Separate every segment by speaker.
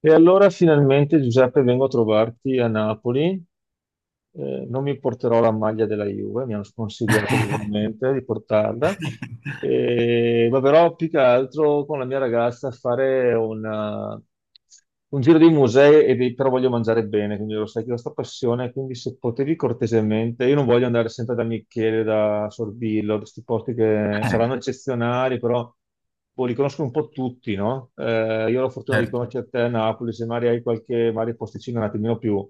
Speaker 1: E allora finalmente Giuseppe vengo a trovarti a Napoli. Non mi porterò la maglia della Juve, mi hanno sconsigliato vivamente di portarla. Ma però più che altro con la mia ragazza a fare un giro di musei, e però voglio mangiare bene, quindi lo sai che ho questa passione, quindi se potevi cortesemente, io non voglio andare sempre da Michele, da Sorbillo, da questi posti che
Speaker 2: Eh,
Speaker 1: saranno eccezionali, però boh, li conosco un po' tutti, no? Io ho la fortuna di
Speaker 2: Certo.
Speaker 1: conoscere te a Napoli, se magari hai qualche magari posticino un attimino più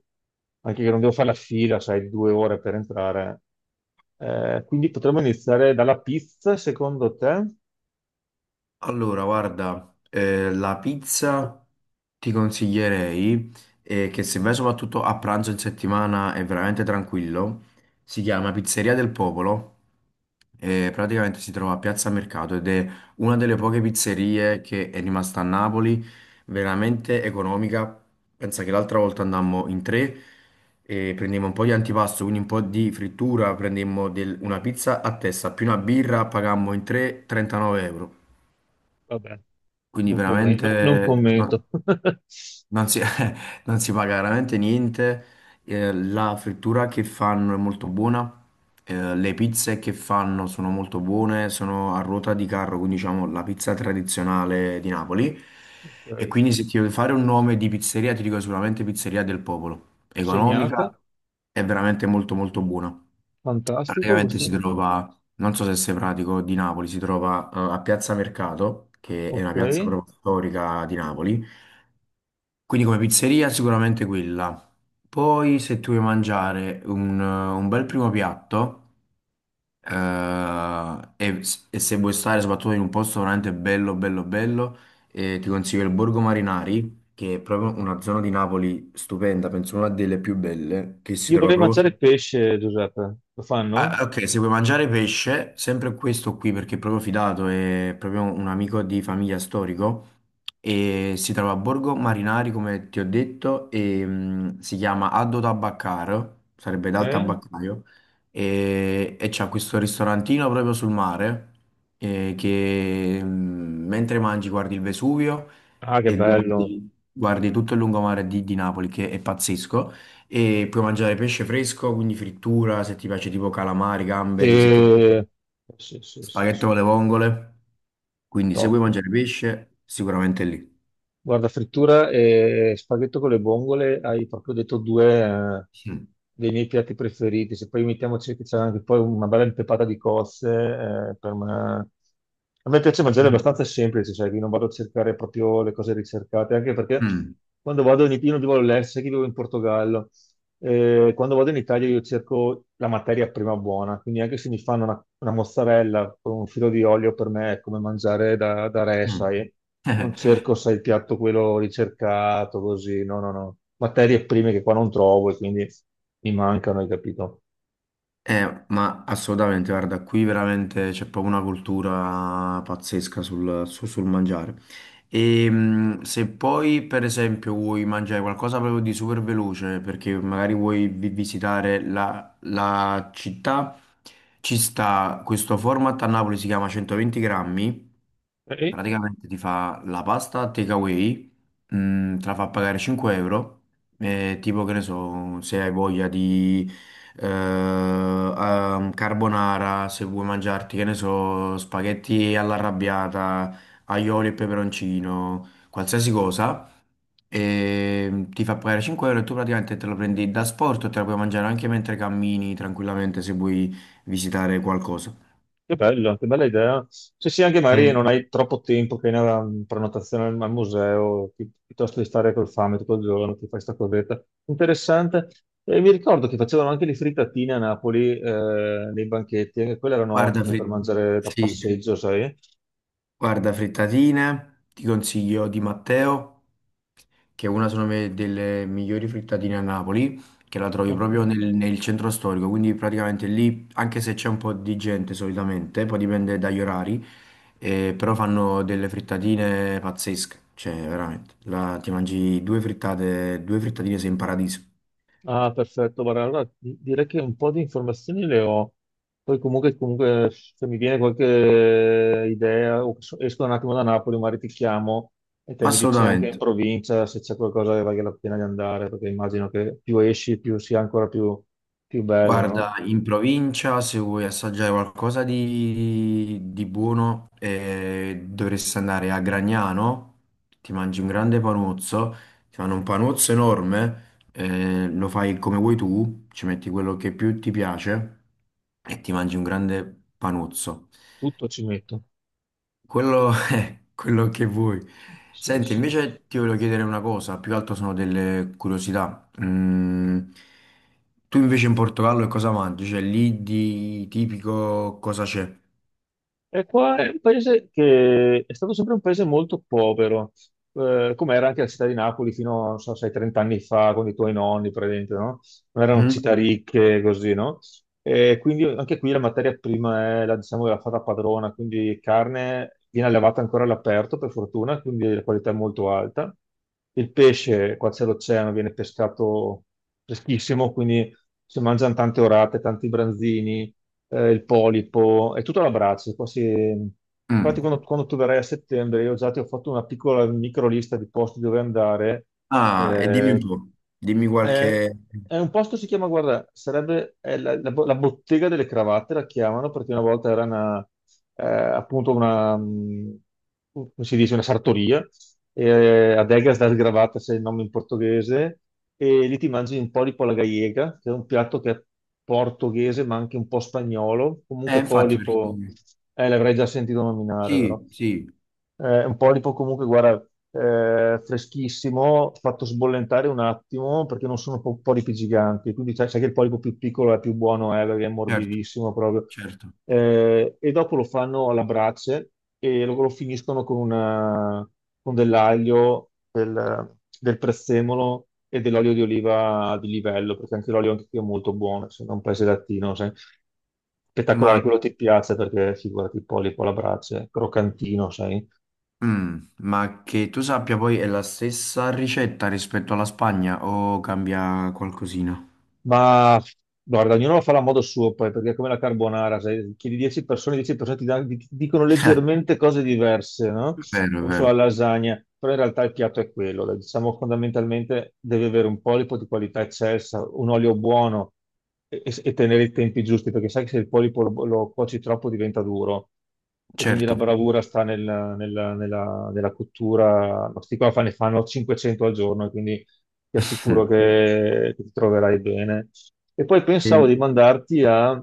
Speaker 1: anche che non devo fare la fila, sai, due ore per entrare. Quindi potremmo iniziare dalla pizza, secondo te?
Speaker 2: Allora, guarda, la pizza ti consiglierei, che se vai soprattutto a pranzo in settimana è veramente tranquillo. Si chiama Pizzeria del Popolo. Praticamente si trova a Piazza Mercato ed è una delle poche pizzerie che è rimasta a Napoli, veramente economica. Pensa che l'altra volta andammo in tre e prendemmo un po' di antipasto, quindi un po' di frittura, una pizza a testa più una birra, pagammo in tre 39 euro.
Speaker 1: Vabbè,
Speaker 2: Quindi
Speaker 1: non
Speaker 2: veramente no-
Speaker 1: commento.
Speaker 2: non si, non si paga veramente niente. La frittura che fanno è molto buona. Le pizze che fanno sono molto buone, sono a ruota di carro, quindi diciamo la pizza tradizionale di Napoli. E
Speaker 1: Ok,
Speaker 2: quindi se ti devo fare un nome di pizzeria, ti dico sicuramente Pizzeria del Popolo. Economica,
Speaker 1: segnata,
Speaker 2: è veramente molto molto buona.
Speaker 1: fantastico
Speaker 2: Praticamente
Speaker 1: questo.
Speaker 2: si trova, non so se sei pratico, di Napoli, si trova a Piazza Mercato, che è una
Speaker 1: Ok.
Speaker 2: piazza proprio storica di Napoli. Quindi come pizzeria sicuramente quella. Poi se tu vuoi mangiare un bel primo piatto eh, e, e se vuoi stare soprattutto in un posto veramente bello, bello, bello, ti consiglio il Borgo Marinari, che è proprio una zona di Napoli stupenda, penso una delle più belle, che si
Speaker 1: Io
Speaker 2: trova
Speaker 1: vorrei
Speaker 2: proprio...
Speaker 1: mangiare pesce, Giuseppe. Lo
Speaker 2: Ah,
Speaker 1: fanno?
Speaker 2: ok, se vuoi mangiare pesce, sempre questo qui perché è proprio fidato, è proprio un amico di famiglia storico e si trova a Borgo Marinari, come ti ho detto, e si chiama Addo Tabaccar, sarebbe dal
Speaker 1: Ok.
Speaker 2: tabaccaio, e c'ha questo ristorantino proprio sul mare che mentre mangi guardi il Vesuvio
Speaker 1: Ah, che
Speaker 2: e
Speaker 1: bello.
Speaker 2: guardi, guardi tutto il lungomare di Napoli, che è pazzesco. E puoi mangiare pesce fresco, quindi frittura, se ti piace tipo calamari, gamberi, se tu...
Speaker 1: Sì, sì, sì, sì,
Speaker 2: spaghetto
Speaker 1: sì.
Speaker 2: con le vongole. Quindi se
Speaker 1: Top.
Speaker 2: vuoi mangiare pesce, sicuramente è lì.
Speaker 1: Guarda, frittura e spaghetto con le vongole, hai proprio detto due
Speaker 2: Mm.
Speaker 1: dei miei piatti preferiti. Se poi mettiamoci che c'è anche poi una bella impepata di cozze, per me... A me piace mangiare abbastanza semplice, sai, che non vado a cercare proprio le cose ricercate, anche perché
Speaker 2: Mm.
Speaker 1: quando vado in Italia, io non vivo all'estero, sai che vivo in Portogallo. Quando vado in Italia io cerco la materia prima buona, quindi anche se mi fanno una mozzarella con un filo di olio per me è come mangiare da re,
Speaker 2: Mm.
Speaker 1: sai. Non
Speaker 2: Eh,
Speaker 1: cerco, sai, il piatto quello ricercato, così, no, no, no. Materie prime che qua non trovo e quindi mi mancano, hai capito?
Speaker 2: Ma assolutamente, guarda, qui veramente c'è proprio una cultura pazzesca sul mangiare. E se poi, per esempio, vuoi mangiare qualcosa proprio di super veloce, perché magari visitare la città, ci sta questo format a Napoli, si chiama 120 grammi.
Speaker 1: Eh,
Speaker 2: Praticamente ti fa la pasta takeaway, te la fa pagare 5 euro, tipo che ne so, se hai voglia di carbonara, se vuoi mangiarti, che ne so, spaghetti all'arrabbiata, aioli e peperoncino, qualsiasi cosa, e ti fa pagare 5 euro e tu praticamente te lo prendi da sport, te la puoi mangiare anche mentre cammini tranquillamente se vuoi visitare qualcosa.
Speaker 1: che bello, che bella idea. Se sì, anche magari
Speaker 2: Eh,
Speaker 1: non hai troppo tempo che hai una prenotazione al museo, piuttosto di stare col fame tutto il giorno, ti fai sta cosetta. Interessante. E mi ricordo che facevano anche le frittatine a Napoli, nei banchetti, e quelle erano
Speaker 2: guarda,
Speaker 1: ottime per
Speaker 2: Fri-
Speaker 1: mangiare da
Speaker 2: sì,
Speaker 1: passeggio, sai?
Speaker 2: guarda, frittatine, ti consiglio di Matteo, che è una sono me- delle migliori frittatine a Napoli, che la trovi
Speaker 1: Ok.
Speaker 2: proprio nel centro storico, quindi praticamente lì, anche se c'è un po' di gente solitamente, poi dipende dagli orari, però fanno delle frittatine pazzesche, cioè veramente, ti mangi due frittate, due frittatine sei in paradiso.
Speaker 1: Ah, perfetto, guarda, allora direi che un po' di informazioni le ho, poi comunque se mi viene qualche idea, o esco un attimo da Napoli, magari ti chiamo e te
Speaker 2: Mm,
Speaker 1: mi dici anche in
Speaker 2: assolutamente.
Speaker 1: provincia se c'è qualcosa che vale la pena di andare, perché immagino che più esci più sia ancora più, più bello, no?
Speaker 2: Guarda, in provincia se vuoi assaggiare qualcosa di buono dovresti andare a Gragnano, ti mangi un grande panuzzo, ti fanno un panuzzo enorme, lo fai come vuoi tu, ci metti quello che più ti piace e ti mangi un grande panuzzo.
Speaker 1: Tutto ci metto.
Speaker 2: Quello è quello che vuoi.
Speaker 1: Sì,
Speaker 2: Senti,
Speaker 1: sì.
Speaker 2: invece ti voglio chiedere una cosa, più che altro sono delle curiosità. Mm, tu invece in Portogallo che cosa mangi? Cioè lì di tipico cosa c'è?
Speaker 1: E qua è un paese che è stato sempre un paese molto povero. Come era anche la città di Napoli fino, non so, sei 30 anni fa con i tuoi nonni, praticamente, no? Non erano
Speaker 2: Mhm.
Speaker 1: città ricche, così, no? E quindi anche qui la materia prima è la, diciamo, la fata padrona, quindi carne viene allevata ancora all'aperto, per fortuna, quindi la qualità è molto alta. Il pesce, qua c'è l'oceano, viene pescato freschissimo, quindi si mangiano tante orate, tanti branzini il polipo, è tutto all'abbraccio. Quasi... Infatti,
Speaker 2: Mm.
Speaker 1: quando tu verrai a settembre, io già ti ho fatto una piccola micro lista di posti dove andare.
Speaker 2: Ah, e dimmi un
Speaker 1: eh,
Speaker 2: po', dimmi
Speaker 1: è,
Speaker 2: qualche...
Speaker 1: è un posto, si chiama, guarda, sarebbe è la bottega delle cravatte, la chiamano, perché una volta era una, appunto una, come si dice, una sartoria. Adegas das gravatas è il nome in portoghese, e lì ti mangi un po' di polla gallega, che è un piatto che è portoghese ma anche un po' spagnolo, comunque
Speaker 2: Infatti, perché...
Speaker 1: polipo, l'avrei già sentito nominare, vero?
Speaker 2: Sì, sì,
Speaker 1: Un polipo comunque, guarda, freschissimo, fatto sbollentare un attimo perché non sono polipi giganti, quindi sai, sai che il polipo più piccolo è più buono, perché è
Speaker 2: certo,
Speaker 1: morbidissimo proprio.
Speaker 2: certo.
Speaker 1: E dopo lo fanno alla brace e lo finiscono con dell'aglio, del prezzemolo e dell'olio di oliva di livello, perché anche l'olio anche qui è molto buono, se non un paese latino, sai. Spettacolare,
Speaker 2: Ma,
Speaker 1: quello ti piace perché figurati il polipo alla brace, croccantino, sai?
Speaker 2: ma che tu sappia poi è la stessa ricetta rispetto alla Spagna o cambia qualcosina?
Speaker 1: Ma guarda, ognuno lo farà a modo suo poi, perché è come la carbonara, se chiedi 10 persone, 10 persone ti dicono leggermente cose diverse, no?
Speaker 2: Vero, è
Speaker 1: O sulla
Speaker 2: vero,
Speaker 1: lasagna, però in realtà il piatto è quello, dai. Diciamo fondamentalmente deve avere un polipo di qualità eccelsa, un olio buono e tenere i tempi giusti, perché sai che se il polipo lo cuoci troppo diventa duro e quindi la
Speaker 2: certo.
Speaker 1: bravura sta nella cottura, ma questi qua ne fanno 500 al giorno, e quindi ti assicuro che ti troverai bene. E poi pensavo
Speaker 2: E-
Speaker 1: di mandarti a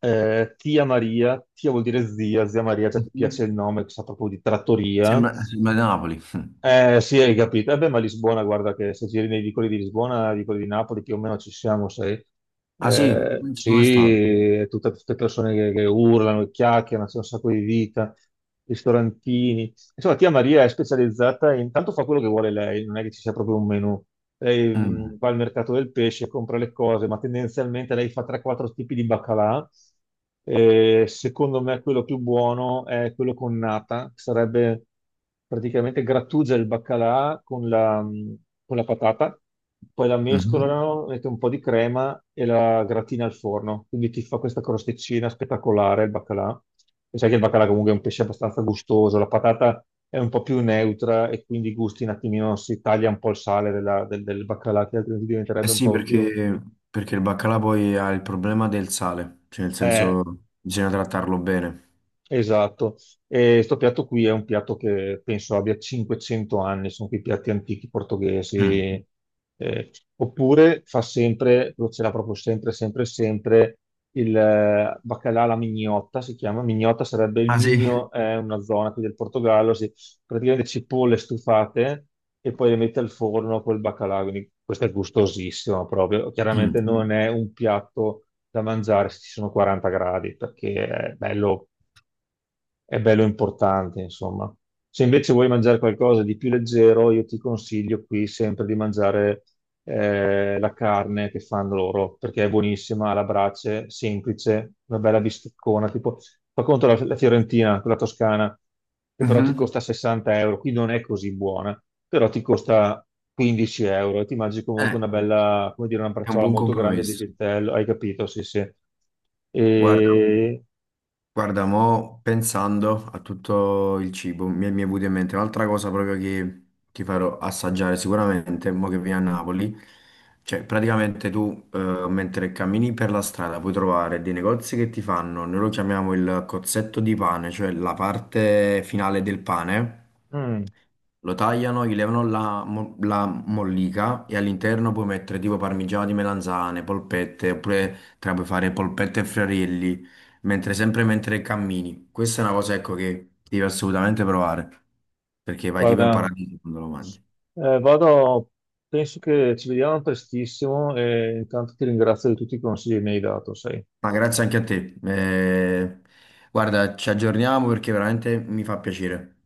Speaker 1: Tia Maria. Tia vuol dire zia, zia Maria, già ti piace il nome, che sa proprio di trattoria,
Speaker 2: Sembra, sembra di Napoli.
Speaker 1: sì, hai capito. Eh beh, ma Lisbona, guarda che se giri nei vicoli di Lisbona, nei vicoli di Napoli, più o meno ci siamo, sai.
Speaker 2: Ah sì, non ci sono mai
Speaker 1: Sì,
Speaker 2: stato.
Speaker 1: è tutte persone che urlano, e chiacchierano, c'è un sacco di vita, ristorantini. Insomma, tia Maria è specializzata, intanto fa quello che vuole lei, non è che ci sia proprio un menù. Lei
Speaker 2: Mm.
Speaker 1: va al mercato del pesce, compra le cose, ma tendenzialmente lei fa 3-4 tipi di baccalà. Secondo me quello più buono è quello con nata, che sarebbe praticamente grattugia il baccalà con la patata, poi la
Speaker 2: Mhm.
Speaker 1: mescolano, mette un po' di crema e la gratina al forno. Quindi ti fa questa crosticina spettacolare il baccalà. E sai che il baccalà comunque è un pesce abbastanza gustoso, la patata è un po' più neutra e quindi i gusti un attimino si taglia un po' il sale del baccalà che altrimenti
Speaker 2: Eh
Speaker 1: diventerebbe un
Speaker 2: sì,
Speaker 1: po' più
Speaker 2: perché, perché il baccalà poi ha il problema del sale, cioè nel
Speaker 1: eh,
Speaker 2: senso bisogna trattarlo bene.
Speaker 1: esatto, e questo piatto qui è un piatto che penso abbia 500 anni, sono quei piatti antichi
Speaker 2: Mm.
Speaker 1: portoghesi. Eh, oppure fa sempre, lo c'era proprio sempre, sempre, sempre, il baccalà alla mignotta, si chiama, mignotta sarebbe il
Speaker 2: Ah sì?
Speaker 1: migno, è una zona qui del Portogallo, si, praticamente cipolle stufate e poi le mette al forno col baccalà, quindi questo è gustosissimo proprio, chiaramente
Speaker 2: Mm.
Speaker 1: non è un piatto da mangiare se ci sono 40 gradi, perché è bello importante, insomma. Se invece vuoi mangiare qualcosa di più leggero, io ti consiglio qui sempre di mangiare la carne che fanno loro, perché è buonissima, alla brace, semplice, una bella bisteccona, tipo, fa conto la Fiorentina, quella toscana, che però ti
Speaker 2: Mhm.
Speaker 1: costa 60 euro, qui non è così buona, però ti costa 15 euro e ti mangi comunque
Speaker 2: Eh,
Speaker 1: una bella, come dire, una
Speaker 2: è un
Speaker 1: bracciola
Speaker 2: buon
Speaker 1: molto grande di
Speaker 2: compromesso.
Speaker 1: vitello, hai capito? Sì, sì.
Speaker 2: Guarda.
Speaker 1: E...
Speaker 2: Guarda, mo pensando a tutto il cibo, mi è venuta in mente un'altra cosa proprio che ti farò assaggiare sicuramente, mo che vieni a Napoli. Cioè, praticamente tu, mentre cammini per la strada, puoi trovare dei negozi che ti fanno, noi lo chiamiamo il cozzetto di pane, cioè la parte finale del pane.
Speaker 1: mm,
Speaker 2: Lo tagliano, gli levano la mollica e all'interno puoi mettere tipo parmigiano di melanzane, polpette, oppure te la puoi fare polpette e friarelli, mentre sempre mentre cammini. Questa è una cosa, ecco, che devi assolutamente provare, perché vai tipo in
Speaker 1: guarda...
Speaker 2: paradiso quando lo mangi.
Speaker 1: Vado, penso che ci vediamo prestissimo e intanto ti ringrazio di tutti i consigli che mi hai dato, sai.
Speaker 2: Ma grazie anche a te. Guarda, ci aggiorniamo perché veramente mi fa piacere.